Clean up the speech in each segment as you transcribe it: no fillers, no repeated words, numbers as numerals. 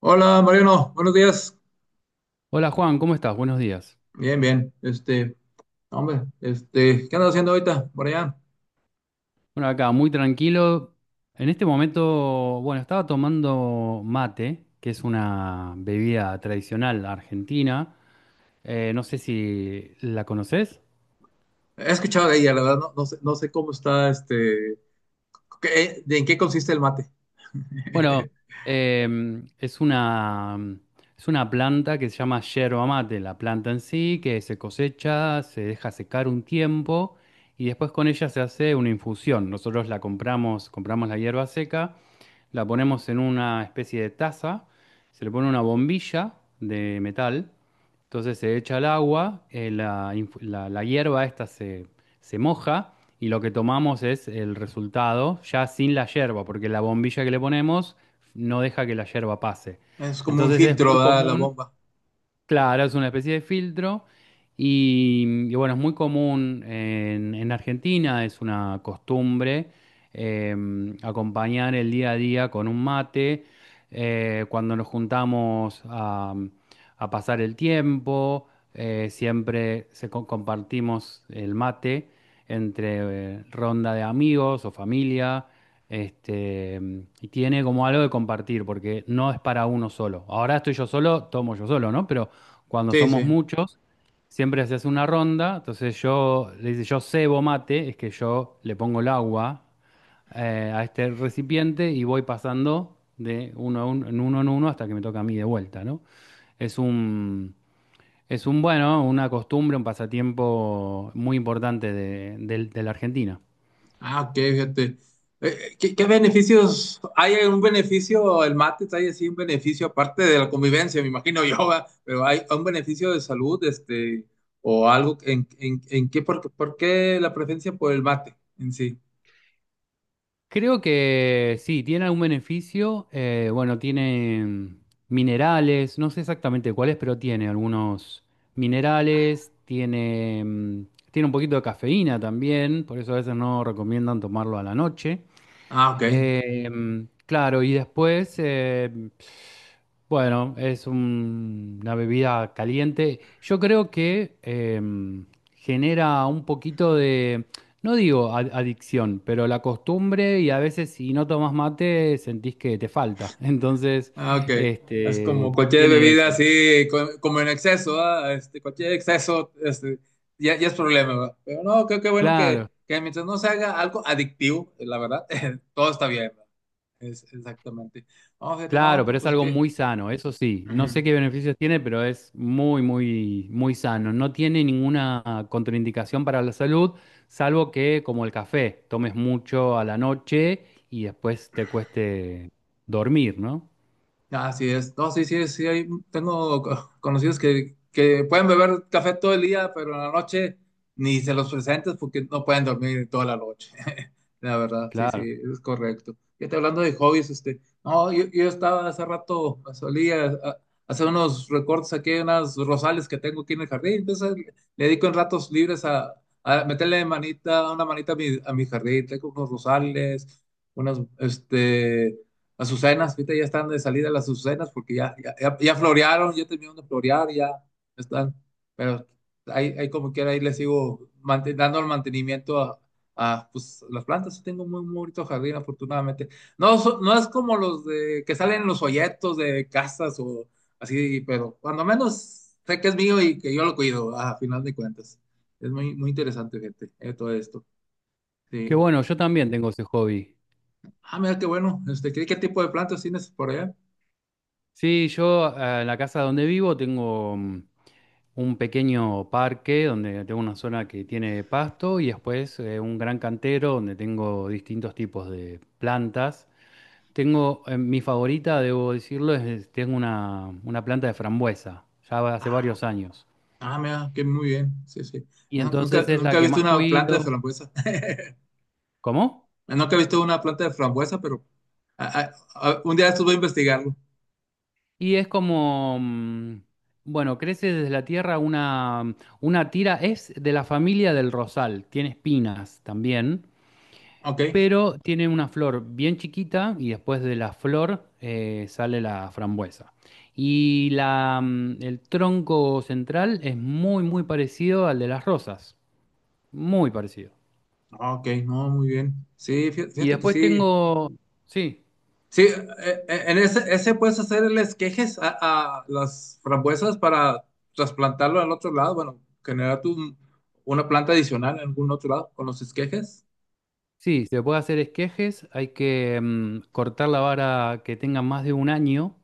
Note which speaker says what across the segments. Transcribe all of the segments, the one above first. Speaker 1: Hola Mariano, buenos días.
Speaker 2: Hola Juan, ¿cómo estás? Buenos días.
Speaker 1: Bien, bien. Este, hombre, este, ¿qué andas haciendo ahorita por allá?
Speaker 2: Bueno, acá muy tranquilo. En este momento, bueno, estaba tomando mate, que es una bebida tradicional argentina. No sé si la conoces.
Speaker 1: He escuchado de ella, la verdad, no, no sé cómo está, este, qué- de en qué consiste el mate.
Speaker 2: Bueno, em, es una, es una planta que se llama yerba mate, la planta en sí, que se cosecha, se deja secar un tiempo y después con ella se hace una infusión. Nosotros la compramos, compramos la hierba seca, la ponemos en una especie de taza, se le pone una bombilla de metal, entonces se echa el agua, la, la hierba esta se, se moja, y lo que tomamos es el resultado ya sin la yerba, porque la bombilla que le ponemos no deja que la yerba pase.
Speaker 1: Es como un
Speaker 2: Entonces es
Speaker 1: filtro,
Speaker 2: muy
Speaker 1: ¿verdad? La
Speaker 2: común.
Speaker 1: bomba.
Speaker 2: Claro, es una especie de filtro, y bueno, es muy común en Argentina, es una costumbre, eh, acompañar el día a día con un mate, cuando nos juntamos a pasar el tiempo. Siempre se compartimos el mate entre ronda de amigos o familia, este, y tiene como algo de compartir, porque no es para uno solo. Ahora estoy yo solo, tomo yo solo, ¿no? Pero cuando
Speaker 1: Sí,
Speaker 2: somos
Speaker 1: sí.
Speaker 2: muchos, siempre se hace una ronda. Entonces yo le dice, yo cebo mate, es que yo le pongo el agua a este recipiente y voy pasando de uno, a uno, en uno en uno hasta que me toca a mí de vuelta, ¿no? Es un, es un bueno, una costumbre, un pasatiempo muy importante de, de la Argentina.
Speaker 1: Ah, ok, fíjate. ¿Qué beneficios? ¿Hay algún beneficio el mate? ¿Hay así un beneficio aparte de la convivencia? Me imagino yo, ¿verdad? Pero ¿hay un beneficio de salud, este, o algo en qué, por qué la preferencia por el mate en sí?
Speaker 2: Creo que sí, tiene algún beneficio. Bueno, tiene minerales, no sé exactamente cuáles, pero tiene algunos minerales, tiene, tiene un poquito de cafeína también, por eso a veces no recomiendan tomarlo a la noche.
Speaker 1: Ah, ok.
Speaker 2: Eh, claro, y después, bueno, es una bebida caliente. Yo creo que genera un poquito de, no digo adicción, pero la costumbre, y a veces si no tomas mate sentís que te falta. Entonces,
Speaker 1: Ah, ok. Es como cualquier
Speaker 2: tiene
Speaker 1: bebida
Speaker 2: eso.
Speaker 1: así, como en exceso, este, cualquier exceso, este, ya es problema, ¿verdad? Pero no, creo que bueno
Speaker 2: Claro.
Speaker 1: que mientras no se haga algo adictivo, la verdad, todo está bien, ¿verdad? Es, exactamente. No, fíjate,
Speaker 2: Claro,
Speaker 1: no,
Speaker 2: pero es
Speaker 1: pues
Speaker 2: algo
Speaker 1: qué.
Speaker 2: muy sano, eso sí. No sé qué beneficios tiene, pero es muy, muy, muy sano. No tiene ninguna contraindicación para la salud, salvo que, como el café, tomes mucho a la noche y después te cueste dormir, ¿no?
Speaker 1: Así es. No, sí, sí, sí, tengo conocidos que pueden beber café todo el día, pero en la noche ni se los presentes porque no pueden dormir toda la noche. La verdad, sí, sí,
Speaker 2: Claro.
Speaker 1: es correcto. Y te hablando de hobbies, este, no, yo estaba hace rato, hacer unos recortes aquí, unas rosales que tengo aquí en el jardín, entonces le dedico en ratos libres a meterle manita, una manita a mi jardín, tengo unos rosales, unas, este las azucenas, ahorita ya están de salida las azucenas porque ya florearon, ya terminaron de florear, ya están, pero ahí como quiera, ahí les sigo dando el mantenimiento a, pues, las plantas. Yo tengo muy, muy bonito jardín, afortunadamente. No, no es como los de que salen en los folletos de casas o así, pero cuando menos sé que es mío y que yo lo cuido, a final de cuentas. Es muy, muy interesante, gente, todo esto.
Speaker 2: Qué
Speaker 1: Sí.
Speaker 2: bueno, yo también tengo ese hobby.
Speaker 1: Ah, mira qué bueno. Este, qué tipo de plantas tienes por allá?
Speaker 2: Sí, yo en la casa donde vivo tengo un pequeño parque donde tengo una zona que tiene pasto y después un gran cantero donde tengo distintos tipos de plantas. Tengo, mi favorita, debo decirlo, es, tengo una planta de frambuesa, ya hace
Speaker 1: Ah.
Speaker 2: varios años.
Speaker 1: Ah, mira, que muy bien. Sí, sí.
Speaker 2: Y
Speaker 1: No, Nunca,
Speaker 2: entonces es la
Speaker 1: nunca he
Speaker 2: que
Speaker 1: visto
Speaker 2: más
Speaker 1: una planta de
Speaker 2: cuido.
Speaker 1: frambuesa.
Speaker 2: ¿Cómo?
Speaker 1: Nunca he visto una planta de frambuesa, pero a- a- un día de estos voy a investigarlo.
Speaker 2: Y es como, bueno, crece desde la tierra una, una tira, es de la familia del rosal, tiene espinas también,
Speaker 1: Ok.
Speaker 2: pero tiene una flor bien chiquita y después de la flor sale la frambuesa. Y la, mm, el tronco central es muy, muy parecido al de las rosas, muy parecido.
Speaker 1: Ah, ok, no, muy bien. Sí,
Speaker 2: Y
Speaker 1: fíjate que
Speaker 2: después
Speaker 1: sí.
Speaker 2: tengo, sí.
Speaker 1: Sí, en ese puedes hacerles quejes a las frambuesas para trasplantarlo al otro lado. Bueno, generar una planta adicional en algún otro lado con los esquejes.
Speaker 2: Sí, se puede hacer esquejes, hay que cortar la vara que tenga más de un año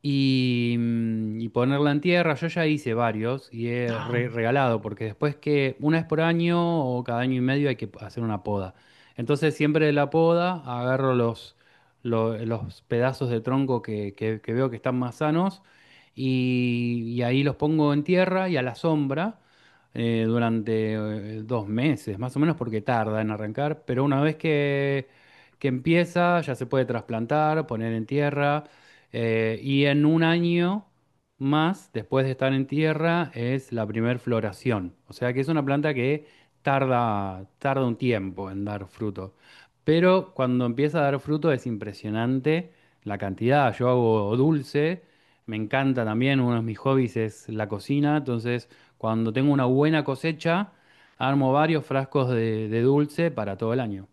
Speaker 2: y, y ponerla en tierra. Yo ya hice varios y he regalado, porque después que una vez por año o cada año y medio hay que hacer una poda. Entonces siempre de la poda agarro los, los pedazos de tronco que, que veo que están más sanos, y ahí los pongo en tierra y a la sombra. Durante dos meses, más o menos, porque tarda en arrancar, pero una vez que empieza, ya se puede trasplantar, poner en tierra, y en un año más, después de estar en tierra, es la primer floración. O sea que es una planta que tarda, tarda un tiempo en dar fruto. Pero cuando empieza a dar fruto es impresionante la cantidad. Yo hago dulce, me encanta también, uno de mis hobbies es la cocina. Entonces, cuando tengo una buena cosecha, armo varios frascos de dulce para todo el año.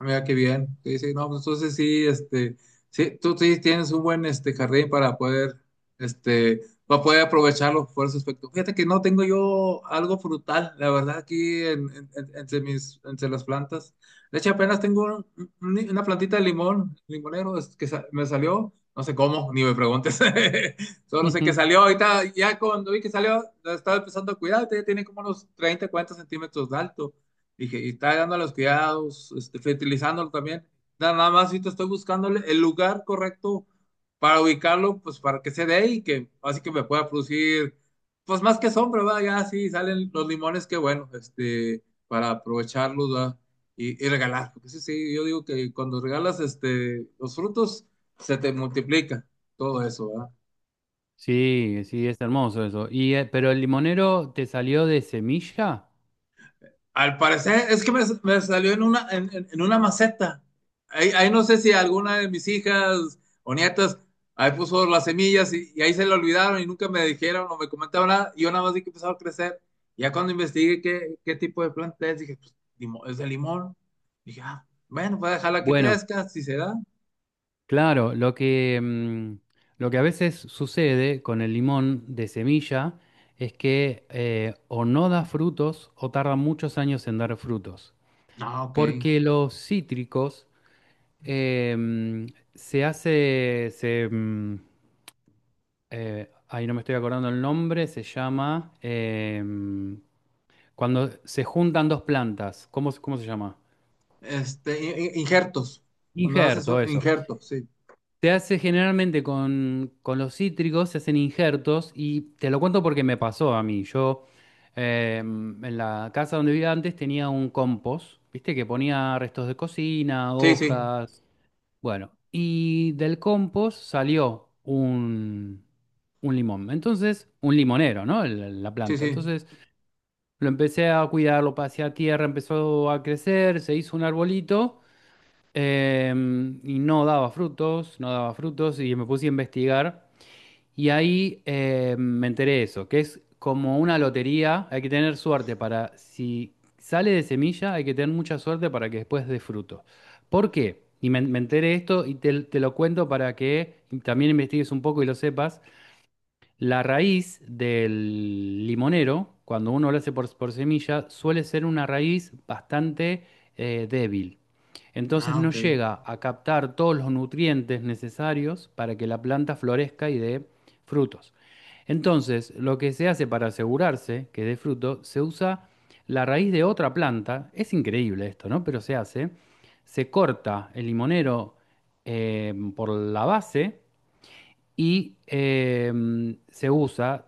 Speaker 1: Mira qué bien. Sí, sí, no, pues entonces sí, este, sí, tú sí tienes un buen este jardín este, para poder aprovecharlo por ese aspecto. Fíjate que no tengo yo algo frutal, la verdad, aquí entre las plantas. De hecho, apenas tengo una plantita de limón, limonero, es que me salió, no sé cómo, ni me preguntes. Solo sé que salió ahorita, ya cuando vi que salió, la estaba empezando a cuidar, ya tiene como unos 30 40 centímetros de alto. Dije, y está dando los cuidados, este, fertilizándolo también. Nada más ahorita estoy buscándole el lugar correcto para ubicarlo, pues para que se dé y que así que me pueda producir, pues más que sombra, ¿verdad? Ya sí salen los limones, qué bueno, este, para aprovecharlos, ¿verdad? Y regalar, porque sí, sí, yo digo que cuando regalas este, los frutos, se te multiplica todo eso, ¿verdad?
Speaker 2: Sí, sí, es hermoso eso. Y, pero el limonero te salió de semilla.
Speaker 1: Al parecer, es que me salió en una maceta. Ahí no sé si alguna de mis hijas o nietas ahí puso las semillas y ahí se le olvidaron y nunca me dijeron o me comentaron nada. Y yo nada más vi que empezaba a crecer. Ya cuando investigué qué tipo de planta es, dije, pues es de limón. Dije, ah, bueno, voy a dejarla que
Speaker 2: Bueno,
Speaker 1: crezca, si se da.
Speaker 2: claro, lo que, mm, lo que a veces sucede con el limón de semilla es que o no da frutos o tarda muchos años en dar frutos.
Speaker 1: Ah, ok.
Speaker 2: Porque los cítricos, eh, mm, se hace, se, ahí no me estoy acordando el nombre, se llama, cuando se juntan dos plantas, ¿cómo, cómo se llama?
Speaker 1: Este, injertos. Cuando haces
Speaker 2: Injerto,
Speaker 1: un
Speaker 2: eso.
Speaker 1: injerto, sí.
Speaker 2: Se hace generalmente con los cítricos, se hacen injertos, y te lo cuento porque me pasó a mí. Yo en la casa donde vivía antes tenía un compost, viste, que ponía restos de cocina,
Speaker 1: Sí, sí,
Speaker 2: hojas, bueno, y del compost salió un limón. Entonces, un limonero, ¿no? La
Speaker 1: sí,
Speaker 2: planta.
Speaker 1: sí.
Speaker 2: Entonces lo empecé a cuidar, lo pasé a tierra, empezó a crecer, se hizo un arbolito. Y no daba frutos, no daba frutos, y me puse a investigar. Y ahí me enteré de eso, que es como una lotería, hay que tener suerte para, si sale de semilla, hay que tener mucha suerte para que después dé fruto. ¿Por qué? Y me enteré de esto y te lo cuento para que también investigues un poco y lo sepas. La raíz del limonero, cuando uno lo hace por semilla, suele ser una raíz bastante débil. Entonces
Speaker 1: Ah,
Speaker 2: no
Speaker 1: ok.
Speaker 2: llega a captar todos los nutrientes necesarios para que la planta florezca y dé frutos. Entonces, lo que se hace para asegurarse que dé fruto, se usa la raíz de otra planta. Es increíble esto, ¿no? Pero se hace. Se corta el limonero por la base y se usa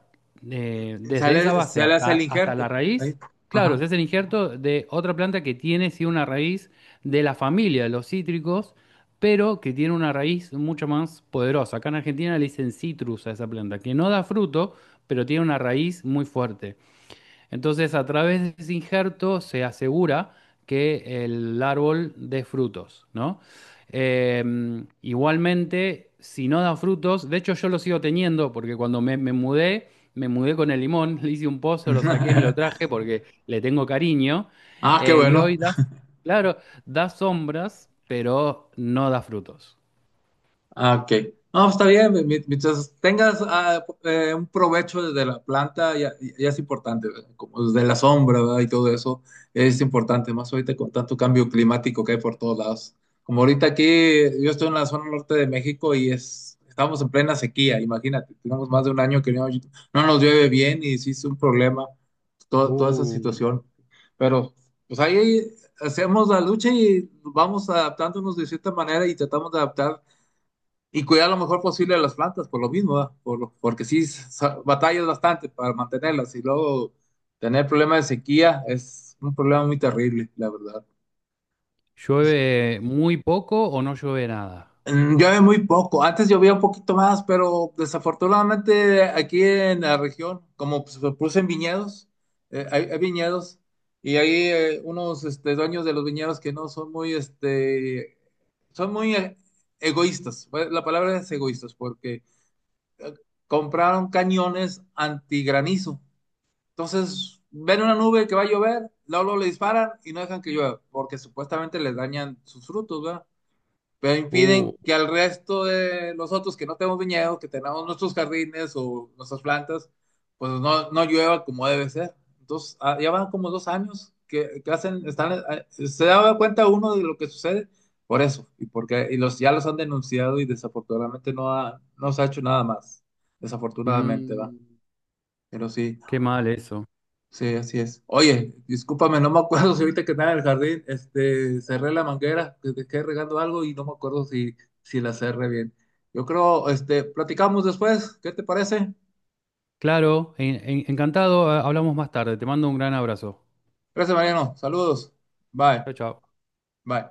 Speaker 2: desde esa base
Speaker 1: Sale hacia
Speaker 2: hasta,
Speaker 1: el
Speaker 2: hasta la
Speaker 1: injerto. Ahí.
Speaker 2: raíz. Claro,
Speaker 1: Ajá.
Speaker 2: se hace el injerto de otra planta que tiene sí una raíz de la familia de los cítricos, pero que tiene una raíz mucho más poderosa. Acá en Argentina le dicen citrus a esa planta, que no da fruto, pero tiene una raíz muy fuerte. Entonces, a través de ese injerto se asegura que el árbol dé frutos, ¿no? Eh, Igualmente, si no da frutos, de hecho yo lo sigo teniendo porque cuando me, me mudé con el limón, le hice un pozo, lo saqué, me lo traje porque le tengo cariño.
Speaker 1: Ah, qué
Speaker 2: Y
Speaker 1: bueno.
Speaker 2: hoy da, claro, da sombras, pero no da frutos.
Speaker 1: Ah, ok. No, pues, está bien, mientras tengas un provecho de la planta, ya es importante, ¿verdad? Como de la sombra, ¿verdad? Y todo eso es importante, más ahorita con tanto cambio climático que hay por todos lados. Como ahorita aquí, yo estoy en la zona norte de México y estamos en plena sequía, imagínate, tenemos más de un año que no nos llueve bien y sí es un problema toda esa
Speaker 2: Uh,
Speaker 1: situación. Pero pues ahí hacemos la lucha y vamos adaptándonos de cierta manera y tratamos de adaptar y cuidar lo mejor posible de las plantas, por lo mismo, ¿verdad? Porque sí batallas bastante para mantenerlas y luego tener problemas de sequía es un problema muy terrible, la verdad.
Speaker 2: llueve muy poco o no llueve nada.
Speaker 1: Llueve muy poco, antes llovía un poquito más, pero desafortunadamente aquí en la región, como se producen viñedos, hay viñedos y hay unos este, dueños de los viñedos que no son muy egoístas. Pues, la palabra es egoístas porque compraron cañones antigranizo. Entonces, ven una nube que va a llover, luego luego le disparan y no dejan que llueva, porque supuestamente les dañan sus frutos, ¿verdad? Pero
Speaker 2: Uh,
Speaker 1: impiden que al resto de nosotros que no tenemos viñedos, que tenemos nuestros jardines o nuestras plantas, pues no llueva como debe ser. Entonces, ya van como 2 años que hacen, están, se da cuenta uno de lo que sucede por eso, y porque y los, ya los han denunciado y desafortunadamente no se ha hecho nada más, desafortunadamente va,
Speaker 2: mm,
Speaker 1: pero sí.
Speaker 2: Qué mal eso.
Speaker 1: Sí, así es. Oye, discúlpame, no me acuerdo si ahorita que estaba en el jardín, este, cerré la manguera, que dejé regando algo y no me acuerdo si la cerré bien. Yo creo, este, platicamos después, ¿qué te parece?
Speaker 2: Claro, encantado. Eh, hablamos más tarde. Te mando un gran abrazo.
Speaker 1: Gracias, Mariano. Saludos. Bye,
Speaker 2: Chao, chao.
Speaker 1: bye.